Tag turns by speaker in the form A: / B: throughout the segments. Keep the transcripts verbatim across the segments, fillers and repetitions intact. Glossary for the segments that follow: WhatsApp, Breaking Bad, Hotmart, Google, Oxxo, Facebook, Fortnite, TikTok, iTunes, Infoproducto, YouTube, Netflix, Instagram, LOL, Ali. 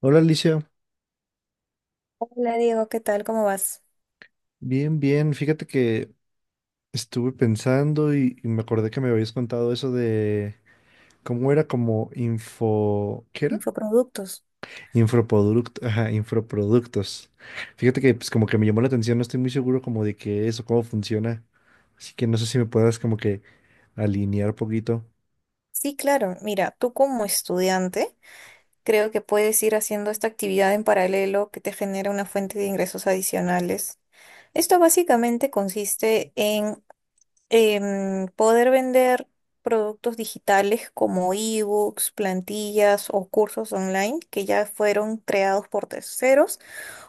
A: Hola Alicia,
B: Hola Diego, ¿qué tal? ¿Cómo vas?
A: bien, bien. Fíjate que estuve pensando y, y me acordé que me habías contado eso de cómo era como info, ¿qué era?
B: Infoproductos.
A: Infoproducto, ajá, infoproductos. Fíjate que pues como que me llamó la atención, no estoy muy seguro como de qué es o cómo funciona. Así que no sé si me puedas como que alinear poquito.
B: Sí, claro. Mira, tú como estudiante, creo que puedes ir haciendo esta actividad en paralelo que te genera una fuente de ingresos adicionales. Esto básicamente consiste en em, poder vender productos digitales como ebooks, plantillas o cursos online que ya fueron creados por terceros.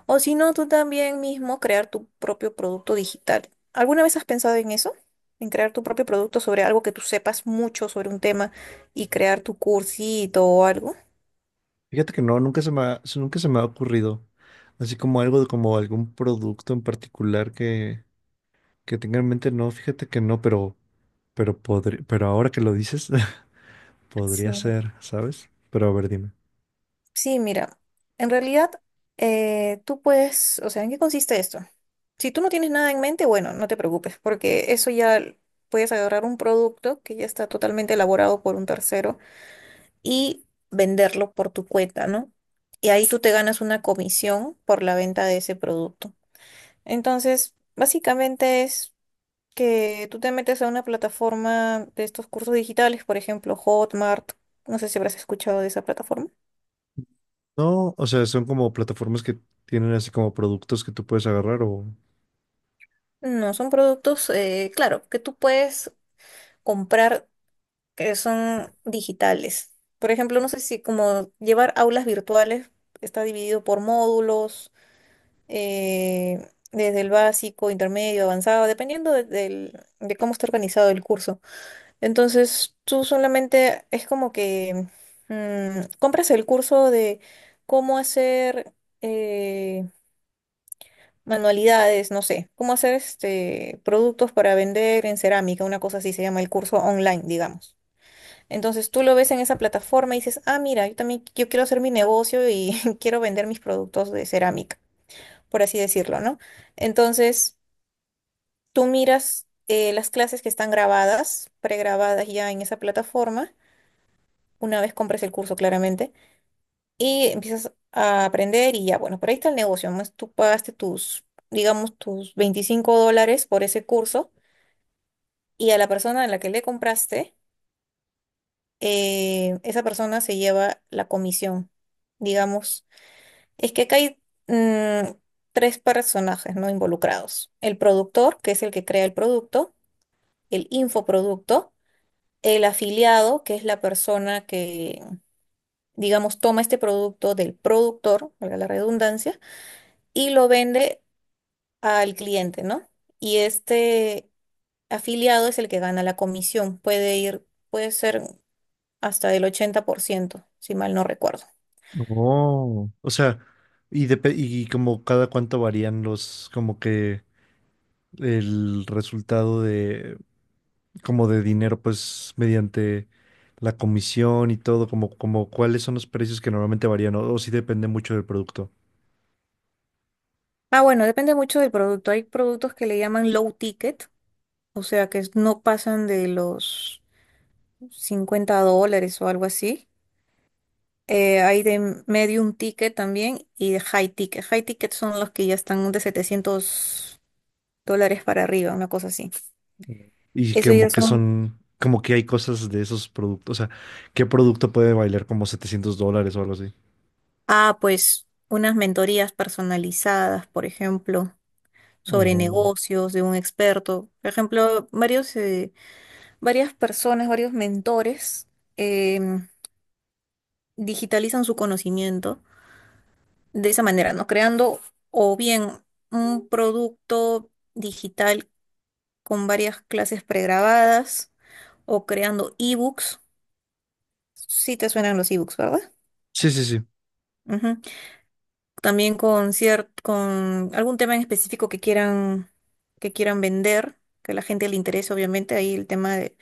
B: O si no, tú también mismo crear tu propio producto digital. ¿Alguna vez has pensado en eso? En crear tu propio producto sobre algo que tú sepas mucho sobre un tema y crear tu cursito o algo.
A: Fíjate que no, nunca se me ha, nunca se me ha ocurrido. Así como algo de como algún producto en particular que, que tenga en mente, no, fíjate que no, pero Pero podri- pero ahora que lo dices,
B: Sí.
A: podría ser, ¿sabes? Pero a ver, dime.
B: Sí, mira, en realidad eh, tú puedes, o sea, ¿en qué consiste esto? Si tú no tienes nada en mente, bueno, no te preocupes, porque eso ya l- puedes agarrar un producto que ya está totalmente elaborado por un tercero y venderlo por tu cuenta, ¿no? Y ahí tú te ganas una comisión por la venta de ese producto. Entonces, básicamente es que tú te metes a una plataforma de estos cursos digitales, por ejemplo, Hotmart. No sé si habrás escuchado de esa plataforma.
A: No, o sea, son como plataformas que tienen así como productos que tú puedes agarrar o...
B: No, son productos, eh, claro, que tú puedes comprar que son digitales. Por ejemplo, no sé si como llevar aulas virtuales está dividido por módulos eh, desde el básico, intermedio, avanzado, dependiendo de, del- de cómo está organizado el curso. Entonces, tú solamente es como que mm, compras el curso de cómo hacer eh, manualidades, no sé, cómo hacer este, productos para vender en cerámica, una cosa así se llama el curso online, digamos. Entonces tú lo ves en esa plataforma y dices, ah, mira, yo también yo quiero hacer mi negocio y quiero vender mis productos de cerámica, por así decirlo, ¿no? Entonces, tú miras eh, las clases que están grabadas, pregrabadas ya en esa plataforma, una vez compres el curso claramente, y empiezas a aprender y ya, bueno, por ahí está el negocio, más tú pagaste tus, digamos, tus veinticinco dólares por ese curso y a la persona a la que le compraste, eh, esa persona se lleva la comisión, digamos. Es que acá hay mm, tres personajes, ¿no? Involucrados. El productor, que es el que crea el producto, el infoproducto, el afiliado, que es la persona que, digamos, toma este producto del productor, valga la redundancia, y lo vende al cliente, ¿no? Y este afiliado es el que gana la comisión. Puede ir, puede ser hasta el ochenta por ciento si mal no recuerdo.
A: No. O sea, y, depe- y como cada cuánto varían los, como que el resultado de, como de dinero, pues mediante la comisión y todo, como, como cuáles son los precios que normalmente varían o, o si depende mucho del producto.
B: Ah, bueno, depende mucho del producto. Hay productos que le llaman low ticket, o sea, que no pasan de los cincuenta dólares o algo así. Eh, hay de medium ticket también y de high ticket. High ticket son los que ya están de setecientos dólares para arriba, una cosa así.
A: Y que
B: Eso ya
A: como que
B: son,
A: son, como que hay cosas de esos productos. O sea, ¿qué producto puede valer como setecientos dólares o algo así?
B: ah, pues unas mentorías personalizadas, por ejemplo, sobre
A: Oh.
B: negocios de un experto. Por ejemplo, varios, eh, varias personas, varios mentores em, digitalizan su conocimiento de esa manera, ¿no? Creando o bien un producto digital con varias clases pregrabadas o creando ebooks. Sí te suenan los ebooks, ¿verdad?
A: Sí, sí, sí.
B: Ujú. También con cier- con algún tema en específico que quieran, que quieran vender, que a la gente le interese, obviamente, ahí el tema de,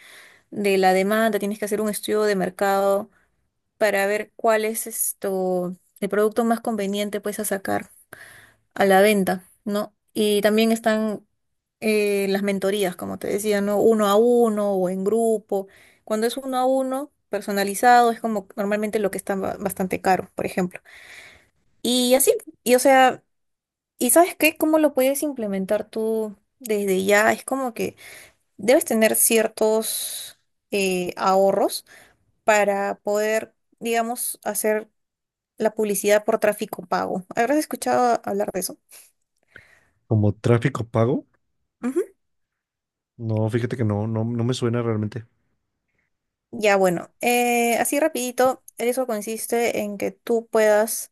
B: de la demanda, tienes que hacer un estudio de mercado para ver cuál es esto, el producto más conveniente pues a sacar a la venta, ¿no? Y también están eh, las mentorías, como te decía, ¿no? Uno a uno o en grupo. Cuando es uno a uno, personalizado, es como normalmente lo que está ba- bastante caro, por ejemplo. Y así, y o sea, ¿y sabes qué? ¿Cómo lo puedes implementar tú desde ya? Es como que debes tener ciertos eh, ahorros para poder, digamos, hacer la publicidad por tráfico pago. ¿Habrás escuchado hablar de eso?
A: Como tráfico pago. No, fíjate que no, no, no me suena realmente.
B: Ya, bueno, eh, así rapidito, eso consiste en que tú puedas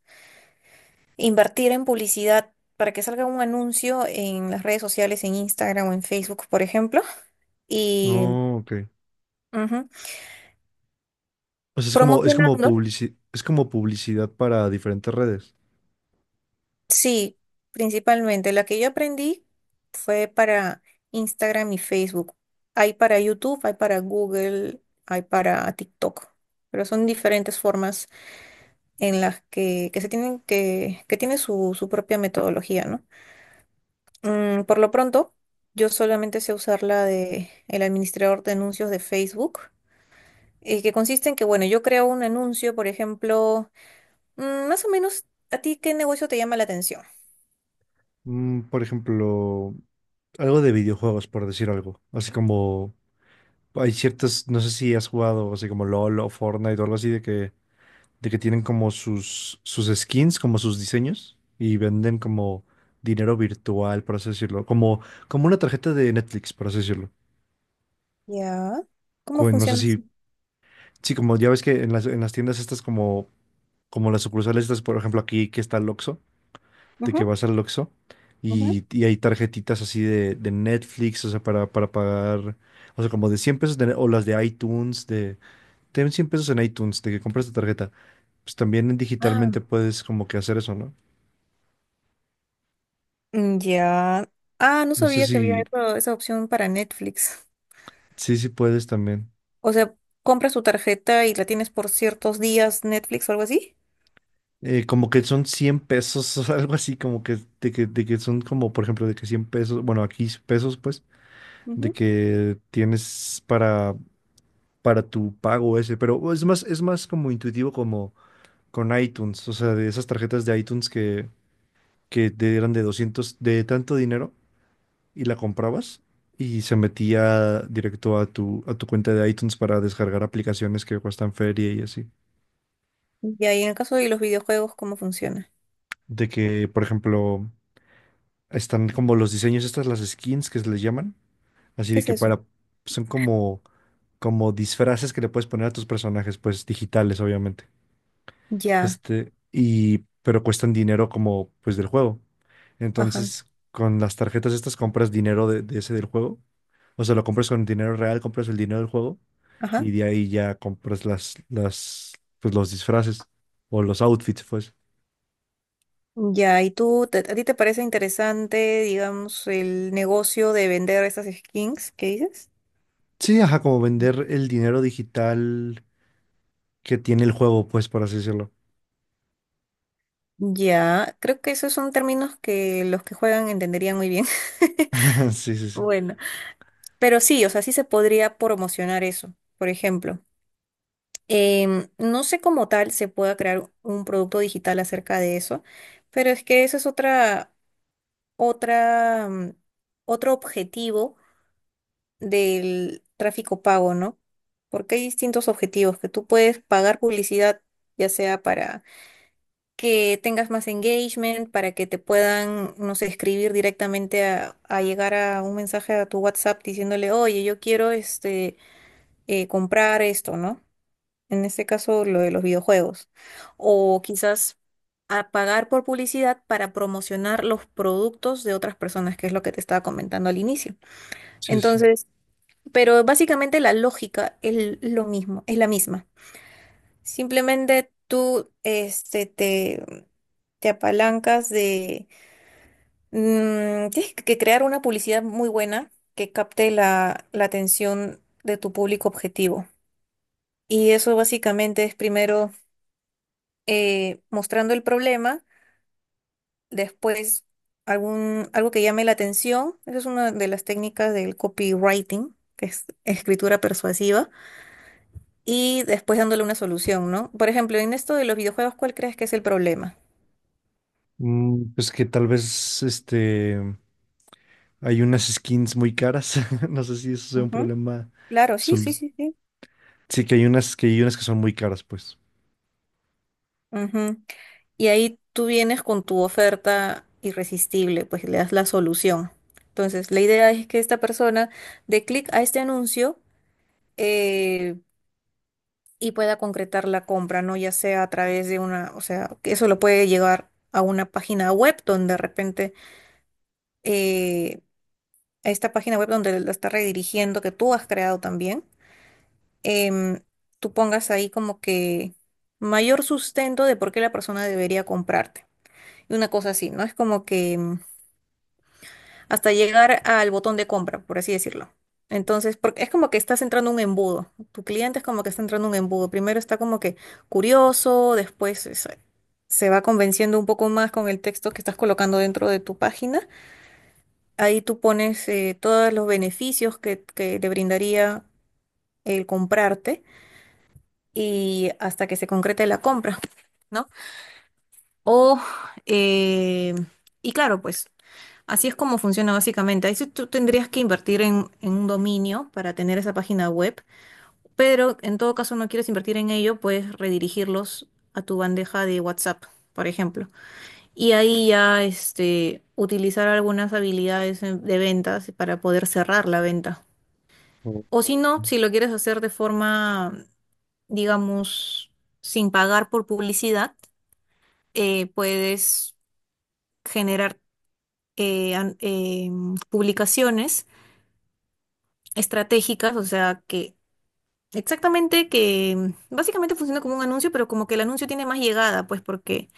B: invertir en publicidad para que salga un anuncio en las redes sociales, en Instagram o en Facebook, por ejemplo, y
A: Oh, ok.
B: ujú,
A: O sea, es como, es como
B: promocionando,
A: publici- es como publicidad para diferentes redes.
B: sí, principalmente. La que yo aprendí fue para Instagram y Facebook. Hay para YouTube, hay para Google, hay para TikTok, pero son diferentes formas en las que, que se tienen que, que tiene su, su propia metodología, ¿no? Mm, por lo pronto, yo solamente sé usar la de el administrador de anuncios de Facebook, eh, que consiste en que, bueno, yo creo un anuncio, por ejemplo, mm, más o menos, ¿a ti qué negocio te llama la atención?
A: Mm, por ejemplo, algo de videojuegos, por decir algo. Así como hay ciertas, no sé si has jugado así como LOL o Fortnite o algo así de que de que tienen como sus, sus skins, como sus diseños, y venden como dinero virtual, por así decirlo, como, como una tarjeta de Netflix, por así decirlo.
B: Ya. ¿Cómo
A: Cu- No sé
B: funciona
A: si,
B: eso?
A: sí, como ya ves que en las, en las tiendas estas como, como las sucursales estas, por ejemplo, aquí que está el Oxxo, de que
B: Ujú,
A: vas al Oxxo
B: ujú.
A: y, y hay tarjetitas así de, de Netflix, o sea, para, para pagar, o sea, como de cien pesos, de- o las de iTunes, de, ten cien pesos en iTunes, de que compras tu tarjeta. Pues también
B: Ah,
A: digitalmente puedes como que hacer eso, ¿no?
B: mm, ya. Ah, no
A: No sé
B: sabía que
A: si
B: había eso- esa opción para Netflix.
A: Sí, sí puedes también.
B: O sea, compras tu tarjeta y la tienes por ciertos días Netflix o algo así.
A: Eh, como que son cien pesos algo así, como que de, que de que son como, por ejemplo, de que cien pesos, bueno, aquí pesos, pues, de
B: Ujú.
A: que tienes para, para tu pago ese, pero es más, es más como intuitivo como con iTunes, o sea, de esas tarjetas de iTunes que, que te eran de doscientos de tanto dinero y la comprabas y se metía directo a tu, a tu cuenta de iTunes para descargar aplicaciones que cuestan feria y así.
B: Ya, y en el caso de los videojuegos, ¿cómo funciona?
A: De que, por ejemplo... Están como los diseños, estas las skins que se les llaman. Así
B: ¿Qué
A: de
B: es
A: que
B: eso?
A: para, son como, como disfraces que le puedes poner a tus personajes, pues digitales, obviamente.
B: Ya,
A: Este, y, pero cuestan dinero como, pues del juego.
B: ajá,
A: Entonces, con las tarjetas estas compras dinero de, de ese del juego. O sea, lo compras con dinero real, compras el dinero del juego y
B: ajá.
A: de ahí ya compras las, las, pues los disfraces o los outfits, pues.
B: Ya, ¿y tú, te- a ti te parece interesante, digamos, el negocio de vender esas skins que dices?
A: Sí, ajá, como vender el dinero digital que tiene el juego, pues, por así decirlo.
B: Ya, creo que esos son términos que los que juegan entenderían muy bien.
A: Sí, sí, sí.
B: Bueno, pero sí, o sea, sí se podría promocionar eso. Por ejemplo, em, no sé cómo tal se pueda crear un producto digital acerca de eso, pero es que eso es otra, otra, mm, otro objetivo del tráfico pago, ¿no? Porque hay distintos objetivos que tú puedes pagar publicidad, ya sea para que tengas más engagement, para que te puedan, no sé, escribir directamente a, a llegar a un mensaje a tu WhatsApp diciéndole, oye, yo quiero este, eh, comprar esto, ¿no? En este caso, lo de los videojuegos. O quizás a pagar por publicidad para promocionar los productos de otras personas, que es lo que te estaba comentando al inicio.
A: Sí, sí.
B: Entonces, pero básicamente la lógica es lo mismo, es la misma. Simplemente tú este, te, te apalancas de... mm, tienes que crear una publicidad muy buena que capte la, la atención de tu público objetivo. Y eso básicamente es primero eh, mostrando el problema, después algún, algo que llame la atención. Esa es una de las técnicas del copywriting, que es escritura persuasiva y después dándole una solución, ¿no? Por ejemplo, en esto de los videojuegos, ¿cuál crees que es el problema?
A: Mm, pues que tal vez este hay unas skins muy caras. No sé si eso sea un
B: Ujú,
A: problema.
B: claro, sí, sí,
A: solu-
B: sí, sí.
A: Sí, que hay unas que hay unas que son muy caras, pues.
B: Ujú. Y ahí tú vienes con tu oferta irresistible, pues le das la solución. Entonces, la idea es que esta persona dé clic a este anuncio eh, y pueda concretar la compra, ¿no? Ya sea a través de una, o sea, que eso lo puede llegar a una página web donde de repente, eh, a esta página web donde la está redirigiendo, que tú has creado también. em, Tú pongas ahí como que mayor sustento de por qué la persona debería comprarte. Y una cosa así, ¿no? Es como que em, hasta llegar al botón de compra, por así decirlo. Entonces, porque es como que estás entrando en un embudo. Tu cliente es como que está entrando en un embudo. Primero está como que curioso, después es- se va convenciendo un poco más con el texto que estás colocando dentro de tu página. Ahí tú pones eh, todos los beneficios que, que le brindaría el comprarte, y hasta que se concrete la compra, ¿no? O, eh, y claro, pues así es como funciona básicamente. Ahí sí tú tendrías que invertir en, en un dominio para tener esa página web, pero en todo caso no quieres invertir en ello, puedes redirigirlos a tu bandeja de WhatsApp, por ejemplo. Y ahí ya este, utilizar algunas habilidades en- de ventas para poder cerrar la venta.
A: Oh,
B: O si no, si lo quieres hacer de forma, digamos, sin pagar por publicidad eh, puedes generar eh, an- eh, publicaciones estratégicas, o sea, que exactamente que mm, básicamente funciona como un anuncio, pero como que el anuncio tiene más llegada, pues porque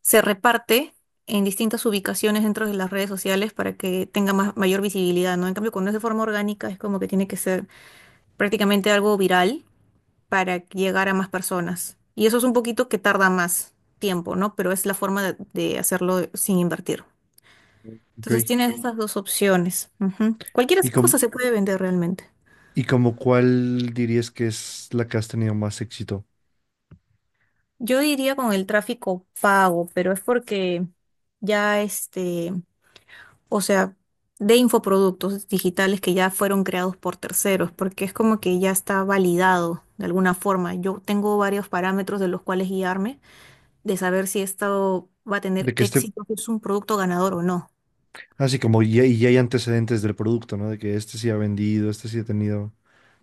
B: se reparte en distintas ubicaciones dentro de las redes sociales para que tenga más, mayor visibilidad, ¿no? En cambio, cuando es de forma orgánica, es como que tiene que ser prácticamente algo viral para llegar a más personas. Y eso es un poquito que tarda más tiempo, ¿no? Pero es la forma de de hacerlo sin invertir. Entonces
A: ok.
B: tienes, sí, estas dos opciones. Ujú. Cualquier
A: ¿Y
B: cosa
A: com-
B: se puede vender realmente.
A: ¿Y como cuál dirías que es la que has tenido más éxito?
B: Yo diría con el tráfico pago, pero es porque ya este, o sea, de infoproductos digitales que ya fueron creados por terceros, porque es como que ya está validado de alguna forma. Yo tengo varios parámetros de los cuales guiarme, de saber si esto va a tener
A: De que este,
B: éxito, si es un producto ganador o no.
A: Así como ya, y ya hay antecedentes del producto, ¿no? De que este sí ha vendido, este sí ha tenido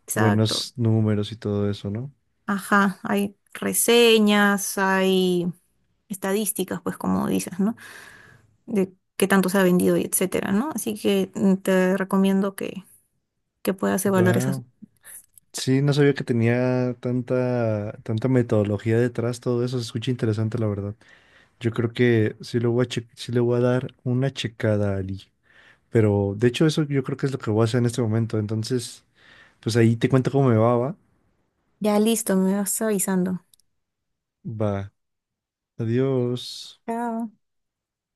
B: Exacto.
A: buenos números y todo eso, ¿no?
B: Ajá, hay reseñas, hay estadísticas, pues como dices, ¿no? De qué tanto se ha vendido y etcétera, ¿no? Así que mm, te recomiendo que, que puedas evaluar esas.
A: Wow. Sí, no sabía que tenía tanta, tanta metodología detrás, todo eso se escucha interesante, la verdad. Yo creo que sí le voy a che- sí le voy a dar una checada a Ali. Pero de hecho eso yo creo que es lo que voy a hacer en este momento. Entonces, pues ahí te cuento cómo me va, va.
B: Ya listo, me vas avisando.
A: Va. Adiós.
B: Chao.